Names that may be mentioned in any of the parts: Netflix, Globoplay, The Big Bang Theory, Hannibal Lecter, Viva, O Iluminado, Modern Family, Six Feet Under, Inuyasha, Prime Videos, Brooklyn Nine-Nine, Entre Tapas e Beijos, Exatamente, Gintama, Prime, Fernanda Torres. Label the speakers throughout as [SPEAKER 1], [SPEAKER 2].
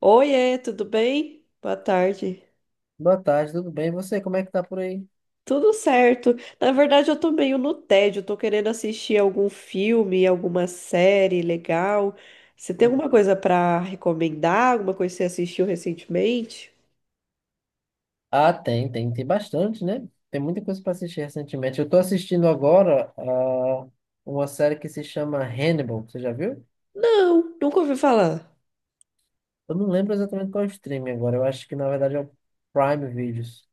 [SPEAKER 1] Oiê, tudo bem? Boa tarde.
[SPEAKER 2] Boa tarde, tudo bem? E você, como é que tá por aí?
[SPEAKER 1] Tudo certo. Na verdade, eu tô meio no tédio, tô querendo assistir algum filme, alguma série legal. Você tem alguma coisa pra recomendar? Alguma coisa que você assistiu recentemente?
[SPEAKER 2] Ah, tem bastante, né? Tem muita coisa para assistir recentemente. Eu tô assistindo agora uma série que se chama Hannibal, você já viu?
[SPEAKER 1] Não, nunca ouvi falar.
[SPEAKER 2] Eu não lembro exatamente qual é o streaming agora, eu acho que na verdade é o Prime Videos.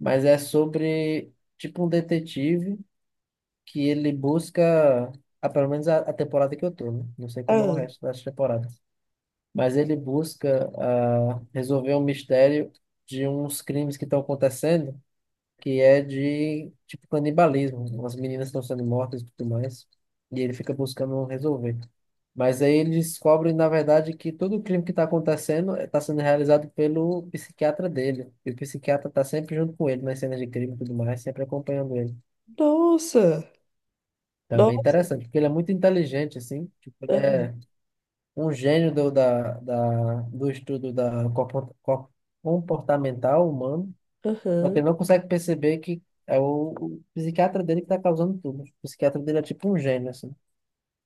[SPEAKER 2] Mas é sobre, tipo, um detetive que ele busca, pelo menos a temporada que eu tô, né? Não sei como é o
[SPEAKER 1] Ah,
[SPEAKER 2] resto das temporadas. Mas ele busca resolver um mistério de uns crimes que estão acontecendo, que é de tipo canibalismo, né? As meninas estão sendo mortas e tudo mais. E ele fica buscando resolver. Mas aí ele descobre, na verdade, que todo o crime que está acontecendo está sendo realizado pelo psiquiatra dele. E o psiquiatra está sempre junto com ele nas cenas de crime e tudo mais, sempre acompanhando ele.
[SPEAKER 1] nossa.
[SPEAKER 2] Também é
[SPEAKER 1] Nossa.
[SPEAKER 2] interessante, porque ele é muito inteligente, assim. Tipo, ele
[SPEAKER 1] Aham,
[SPEAKER 2] é um gênio do estudo da comportamental humano. Só que
[SPEAKER 1] aham.
[SPEAKER 2] ele não consegue perceber que é o psiquiatra dele que está causando tudo. O psiquiatra dele é tipo um gênio, assim.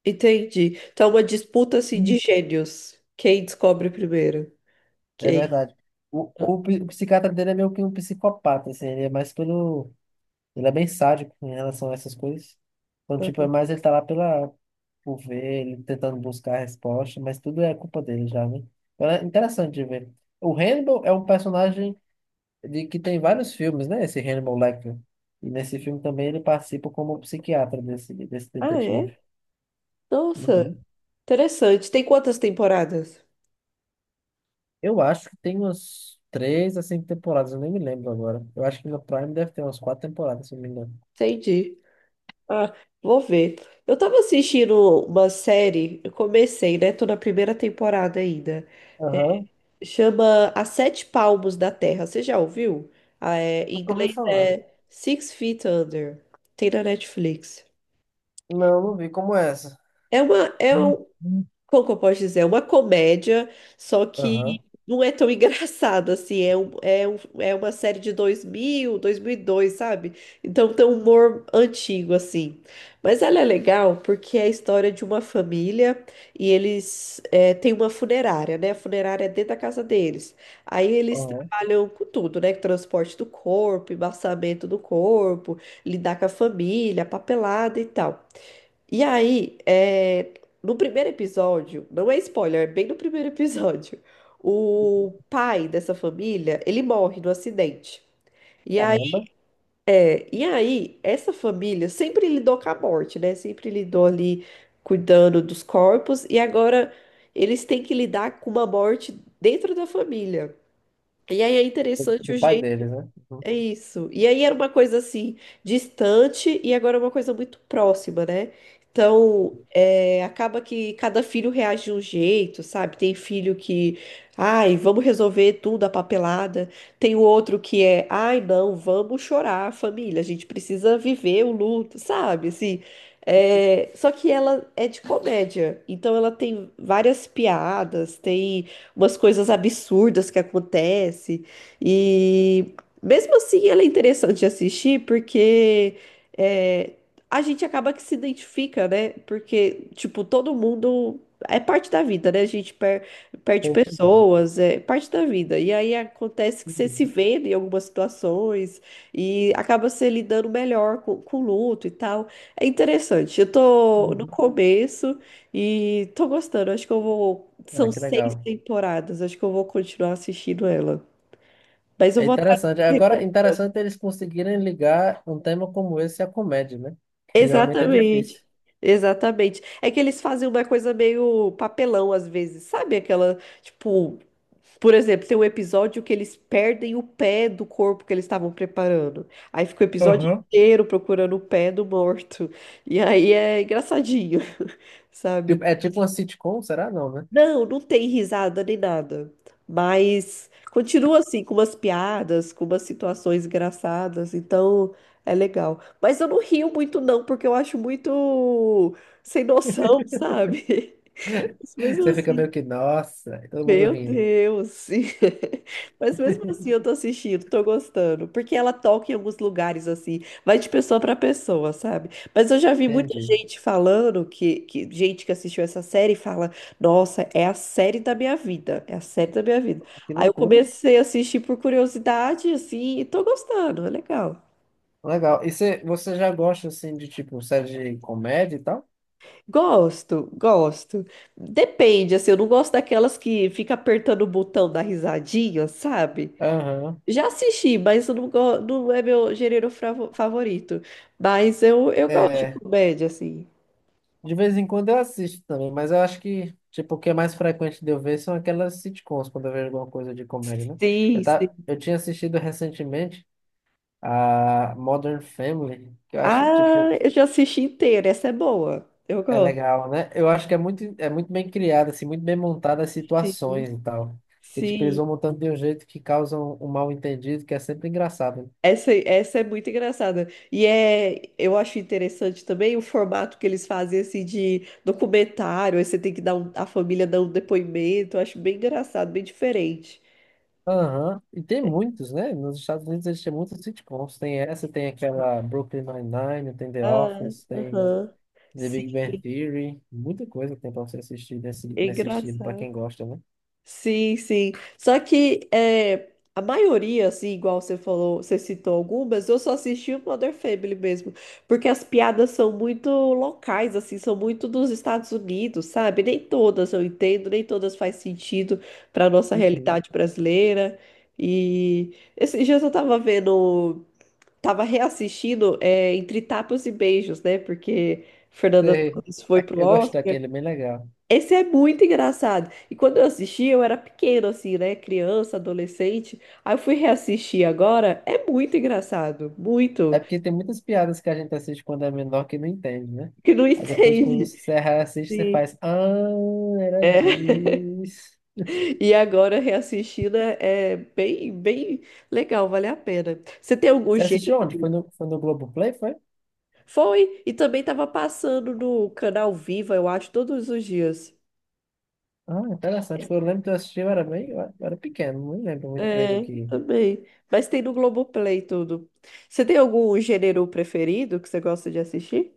[SPEAKER 1] Entendi. Então, é uma disputa assim de
[SPEAKER 2] Hum.
[SPEAKER 1] gênios. Quem descobre primeiro?
[SPEAKER 2] É
[SPEAKER 1] Quem?
[SPEAKER 2] verdade. O o psiquiatra dele é meio que um psicopata, assim. Ele é mais pelo... Ele é bem sádico em relação a essas coisas. Então, tipo, é mais ele tá lá pela, por ver, ele tentando buscar a resposta, mas tudo é culpa dele já, né? Então é interessante de ver. O Hannibal é um personagem de que tem vários filmes, né? Esse Hannibal Lecter. E nesse filme também ele participa como psiquiatra desse
[SPEAKER 1] Ah,
[SPEAKER 2] detetive.
[SPEAKER 1] é? Nossa,
[SPEAKER 2] Uhum.
[SPEAKER 1] interessante. Tem quantas temporadas?
[SPEAKER 2] Eu acho que tem umas três a cinco temporadas, eu nem me lembro agora. Eu acho que no Prime deve ter umas quatro temporadas, se não me engano.
[SPEAKER 1] Entendi. Ah, vou ver. Eu tava assistindo uma série, eu comecei, né? Tô na primeira temporada ainda.
[SPEAKER 2] Aham.
[SPEAKER 1] Chama As Sete Palmos da Terra. Você já ouviu? Ah, é, em
[SPEAKER 2] Nunca
[SPEAKER 1] inglês
[SPEAKER 2] ouvi falar.
[SPEAKER 1] é Six Feet Under. Tem na Netflix.
[SPEAKER 2] Não, não vi como é essa.
[SPEAKER 1] É uma, é um-
[SPEAKER 2] Uhum.
[SPEAKER 1] Como que eu posso dizer? É uma comédia, só
[SPEAKER 2] Aham,
[SPEAKER 1] que não é tão engraçado assim. É uma série de 2000, 2002, sabe? Então tem um humor antigo, assim. Mas ela é legal porque é a história de uma família e têm uma funerária, né? A funerária é dentro da casa deles. Aí eles
[SPEAKER 2] aham.
[SPEAKER 1] trabalham com tudo, né? Transporte do corpo, embaçamento do corpo, lidar com a família, papelada e tal. E aí, é, no primeiro episódio, não é spoiler, é bem no primeiro episódio, o pai dessa família, ele morre no acidente. E aí,
[SPEAKER 2] Caramba,
[SPEAKER 1] e aí, essa família sempre lidou com a morte, né? Sempre lidou ali cuidando dos corpos, e agora eles têm que lidar com uma morte dentro da família. E aí é
[SPEAKER 2] do,
[SPEAKER 1] interessante
[SPEAKER 2] do
[SPEAKER 1] o
[SPEAKER 2] pai
[SPEAKER 1] jeito
[SPEAKER 2] deles, né? Uhum.
[SPEAKER 1] é isso. E aí era uma coisa assim, distante e agora é uma coisa muito próxima, né? Então, acaba que cada filho reage de um jeito, sabe? Tem filho que, ai, vamos resolver tudo a papelada. Tem o outro que é, ai, não, vamos chorar, família, a gente precisa viver o luto, sabe? Só que ela é de comédia, então ela tem várias piadas, tem umas coisas absurdas que acontecem. E mesmo assim, ela é interessante de assistir porque é, a gente acaba que se identifica, né? Porque, tipo, todo mundo é parte da vida, né? A gente perde
[SPEAKER 2] Tô lembrando.
[SPEAKER 1] pessoas, é parte da vida. E aí acontece que você se
[SPEAKER 2] Uhum,
[SPEAKER 1] vê em algumas situações e acaba se lidando melhor com o luto e tal. É interessante. Eu tô no
[SPEAKER 2] uhum.
[SPEAKER 1] começo e tô gostando. Acho que eu vou.
[SPEAKER 2] Ah,
[SPEAKER 1] São
[SPEAKER 2] que
[SPEAKER 1] seis
[SPEAKER 2] legal.
[SPEAKER 1] temporadas, acho que eu vou continuar assistindo ela. Mas eu
[SPEAKER 2] É
[SPEAKER 1] vou atrás
[SPEAKER 2] interessante.
[SPEAKER 1] de
[SPEAKER 2] Agora, interessante eles conseguirem ligar um tema como esse à comédia, né? Geralmente é difícil.
[SPEAKER 1] Exatamente. Exatamente. É que eles fazem uma coisa meio papelão às vezes, sabe? Aquela, tipo, por exemplo, tem um episódio que eles perdem o pé do corpo que eles estavam preparando. Aí fica o episódio
[SPEAKER 2] Aham.
[SPEAKER 1] inteiro procurando o pé do morto. E aí é engraçadinho,
[SPEAKER 2] Tipo,
[SPEAKER 1] sabe?
[SPEAKER 2] é tipo uma sitcom, será? Não, né?
[SPEAKER 1] Não, não tem risada nem nada. Mas continua assim, com umas piadas, com umas situações engraçadas. Então é legal. Mas eu não rio muito, não, porque eu acho muito sem noção, sabe? Mas mesmo
[SPEAKER 2] Você fica
[SPEAKER 1] assim.
[SPEAKER 2] meio que, nossa, e todo mundo
[SPEAKER 1] Meu
[SPEAKER 2] rindo.
[SPEAKER 1] Deus! Mas mesmo assim eu tô assistindo, tô gostando. Porque ela toca em alguns lugares assim, vai de pessoa pra pessoa, sabe? Mas eu já vi muita
[SPEAKER 2] Entendi.
[SPEAKER 1] gente falando que gente que assistiu essa série fala: Nossa, é a série da minha vida, é a série da minha vida.
[SPEAKER 2] Que
[SPEAKER 1] Aí eu
[SPEAKER 2] loucura.
[SPEAKER 1] comecei a assistir por curiosidade, assim, e tô gostando, é legal.
[SPEAKER 2] Legal. E você, você já gosta, assim, de, tipo, série de comédia e tal?
[SPEAKER 1] Gosto, gosto. Depende, assim, eu não gosto daquelas que fica apertando o botão da risadinha, sabe?
[SPEAKER 2] Aham.
[SPEAKER 1] Já assisti, mas eu não, go- não é meu gênero favorito. Mas eu gosto de
[SPEAKER 2] É.
[SPEAKER 1] comédia, assim.
[SPEAKER 2] De vez em quando eu assisto também, mas eu acho que, tipo, o que é mais frequente de eu ver são aquelas sitcoms, quando eu vejo alguma coisa de comédia, né? Eu,
[SPEAKER 1] Sim,
[SPEAKER 2] tá,
[SPEAKER 1] sim.
[SPEAKER 2] eu tinha assistido recentemente a Modern Family, que eu acho,
[SPEAKER 1] Ah,
[SPEAKER 2] tipo,
[SPEAKER 1] eu já assisti inteira. Essa é boa. Eu
[SPEAKER 2] é
[SPEAKER 1] gosto.
[SPEAKER 2] legal, né? Eu acho que é muito bem criada, assim, muito bem montada as
[SPEAKER 1] Sim,
[SPEAKER 2] situações e tal. E tipo, eles
[SPEAKER 1] sim.
[SPEAKER 2] vão montando de um jeito que causam um mal-entendido, que é sempre engraçado, né?
[SPEAKER 1] Essa é muito engraçada. Eu acho interessante também o formato que eles fazem, assim, de documentário. Aí você tem que dar um, a família dá um depoimento. Eu acho bem engraçado, bem diferente.
[SPEAKER 2] Aham. E tem muitos, né? Nos Estados Unidos existem muitos sitcoms. Tem essa, tem aquela Brooklyn Nine-Nine, tem The
[SPEAKER 1] Ah,
[SPEAKER 2] Office, tem
[SPEAKER 1] aham.
[SPEAKER 2] The
[SPEAKER 1] Sim,
[SPEAKER 2] Big Bang Theory. Muita coisa tem pra você assistir nesse,
[SPEAKER 1] é
[SPEAKER 2] nesse estilo, pra
[SPEAKER 1] engraçado.
[SPEAKER 2] quem gosta, né?
[SPEAKER 1] Sim, sim. Só que é, a maioria, assim, igual você falou, você citou algumas, eu só assisti o Modern Family mesmo, porque as piadas são muito locais, assim, são muito dos Estados Unidos, sabe? Nem todas eu entendo, nem todas faz sentido para nossa
[SPEAKER 2] Uhum.
[SPEAKER 1] realidade brasileira. E esses dias eu tava vendo, tava reassistindo Entre Tapas e Beijos, né? Porque Fernanda
[SPEAKER 2] Sei.
[SPEAKER 1] Torres foi
[SPEAKER 2] A-
[SPEAKER 1] pro
[SPEAKER 2] Eu gosto
[SPEAKER 1] Oscar.
[SPEAKER 2] daquele, é bem legal.
[SPEAKER 1] Esse é muito engraçado. E quando eu assisti, eu era pequena, assim, né? Criança, adolescente. Aí eu fui reassistir agora. É muito engraçado. Muito.
[SPEAKER 2] É porque tem muitas piadas que a gente assiste quando é menor que não entende, né?
[SPEAKER 1] Que não
[SPEAKER 2] Aí depois, quando
[SPEAKER 1] entende.
[SPEAKER 2] você se assiste, você
[SPEAKER 1] Sim.
[SPEAKER 2] faz. Ah, era
[SPEAKER 1] É.
[SPEAKER 2] disso.
[SPEAKER 1] E agora reassistindo é bem, bem legal, vale a pena. Você tem algum
[SPEAKER 2] Você assistiu
[SPEAKER 1] jeito?
[SPEAKER 2] onde? Foi no Globoplay, foi?
[SPEAKER 1] Foi. E também tava passando no canal Viva, eu acho, todos os dias.
[SPEAKER 2] Ah, interessante. Eu lembro que eu assisti, eu era bem, eu era pequeno, não lembro muito bem do
[SPEAKER 1] É,
[SPEAKER 2] que.
[SPEAKER 1] também. Mas tem no Globoplay tudo. Você tem algum gênero preferido que você gosta de assistir?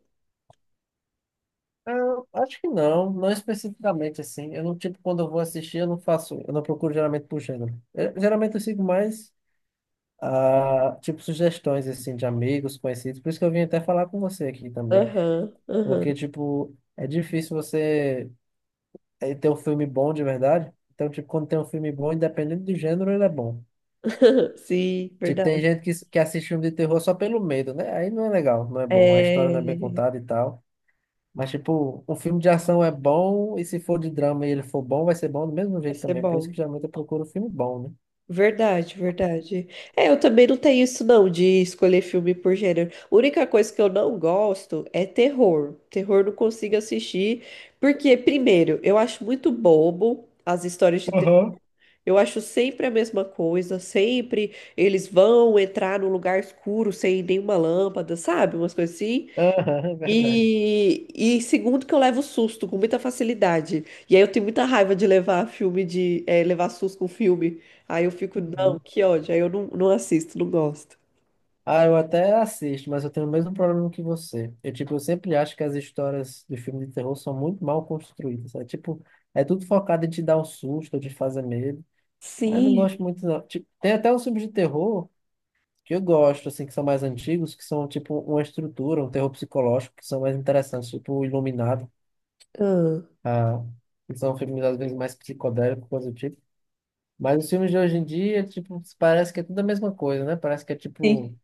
[SPEAKER 2] Ah, acho que não, não especificamente assim. Eu não, tipo, quando eu vou assistir, eu não faço, eu não procuro geralmente por gênero. Eu- geralmente eu sigo mais. Ah, tipo, sugestões, assim, de amigos, conhecidos. Por isso que eu vim até falar com você aqui também.
[SPEAKER 1] Aham, aham.
[SPEAKER 2] Porque, tipo, é difícil você ter um filme bom de verdade. Então, tipo, quando tem um filme bom, independente do gênero, ele é bom.
[SPEAKER 1] Sim,
[SPEAKER 2] Tipo, tem
[SPEAKER 1] verdade.
[SPEAKER 2] gente que assiste filme de terror só pelo medo, né? Aí não é legal, não é bom. A história não é bem
[SPEAKER 1] É,
[SPEAKER 2] contada e tal. Mas, tipo, um filme de ação é bom, e se for de drama e ele for bom, vai ser bom do mesmo
[SPEAKER 1] vai
[SPEAKER 2] jeito
[SPEAKER 1] ser
[SPEAKER 2] também. Por isso que
[SPEAKER 1] bom.
[SPEAKER 2] geralmente eu procuro filme bom, né?
[SPEAKER 1] Verdade, verdade. É, eu também não tenho isso não, de escolher filme por gênero. A única coisa que eu não gosto é terror. Terror eu não consigo assistir, porque, primeiro, eu acho muito bobo as histórias de terror.
[SPEAKER 2] Aham.
[SPEAKER 1] Eu acho sempre a mesma coisa, sempre eles vão entrar num lugar escuro sem nenhuma lâmpada, sabe? Umas coisas assim.
[SPEAKER 2] Aham, é verdade.
[SPEAKER 1] E, e segundo que eu levo susto com muita facilidade. E aí eu tenho muita raiva de levar filme de levar susto com filme. Aí eu fico, não, que ódio. Aí eu não, não assisto, não gosto.
[SPEAKER 2] Ah, eu até assisto, mas eu tenho o mesmo problema que você. Eu, tipo, eu sempre acho que as histórias do filme de terror são muito mal construídas. É tipo, é tudo focado em te dar um susto, ou te fazer medo. Ah, eu não
[SPEAKER 1] Sim.
[SPEAKER 2] gosto muito, não. Tipo, tem até uns filmes de terror que eu gosto, assim, que são mais antigos, que são, tipo, uma estrutura, um terror psicológico, que são mais interessantes, tipo, o Iluminado.
[SPEAKER 1] Ah,
[SPEAKER 2] Ah, que são filmes, às vezes, mais psicodélicos, coisa do tipo. Mas os filmes de hoje em dia, tipo, parece que é tudo a mesma coisa, né? Parece que é,
[SPEAKER 1] sim.
[SPEAKER 2] tipo...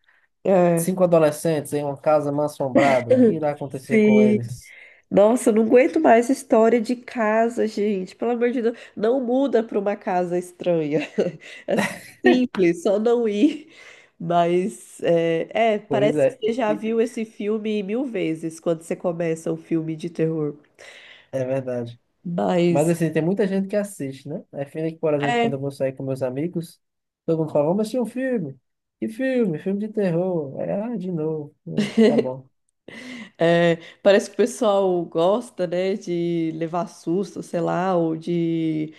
[SPEAKER 1] É.
[SPEAKER 2] Cinco adolescentes em uma casa mal-assombrada. O que irá acontecer com
[SPEAKER 1] Sim.
[SPEAKER 2] eles?
[SPEAKER 1] Nossa, eu não aguento mais história de casa, gente. Pelo amor de Deus, não muda para uma casa estranha. É simples, só não ir. Mas
[SPEAKER 2] Pois
[SPEAKER 1] parece que
[SPEAKER 2] é,
[SPEAKER 1] você já
[SPEAKER 2] e-
[SPEAKER 1] viu esse filme mil vezes quando você começa um filme de terror.
[SPEAKER 2] é verdade. Mas
[SPEAKER 1] Mas
[SPEAKER 2] assim, tem muita gente que assiste, né? É filme que, por exemplo, quando eu
[SPEAKER 1] é,
[SPEAKER 2] vou sair com meus amigos, todo mundo fala, vamos assistir um filme. Que filme? Filme de terror. Aí, ah, de novo. Tá bom.
[SPEAKER 1] é, parece que o pessoal gosta, né, de levar susto, sei lá, ou de,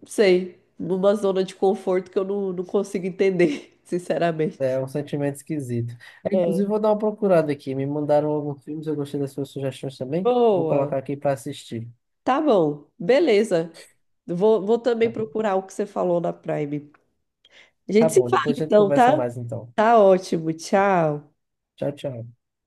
[SPEAKER 1] não sei, numa zona de conforto que eu não, não consigo entender,
[SPEAKER 2] É
[SPEAKER 1] sinceramente.
[SPEAKER 2] um sentimento esquisito. É, inclusive, vou
[SPEAKER 1] É,
[SPEAKER 2] dar uma procurada aqui. Me mandaram alguns filmes, eu gostei das suas sugestões também. Vou
[SPEAKER 1] boa.
[SPEAKER 2] colocar aqui para assistir.
[SPEAKER 1] Tá bom, beleza. Vou também procurar o que você falou na Prime. A
[SPEAKER 2] Tá
[SPEAKER 1] gente se
[SPEAKER 2] bom,
[SPEAKER 1] fala
[SPEAKER 2] depois a gente
[SPEAKER 1] então,
[SPEAKER 2] conversa
[SPEAKER 1] tá?
[SPEAKER 2] mais então.
[SPEAKER 1] Tá ótimo, tchau.
[SPEAKER 2] Tchau, tchau.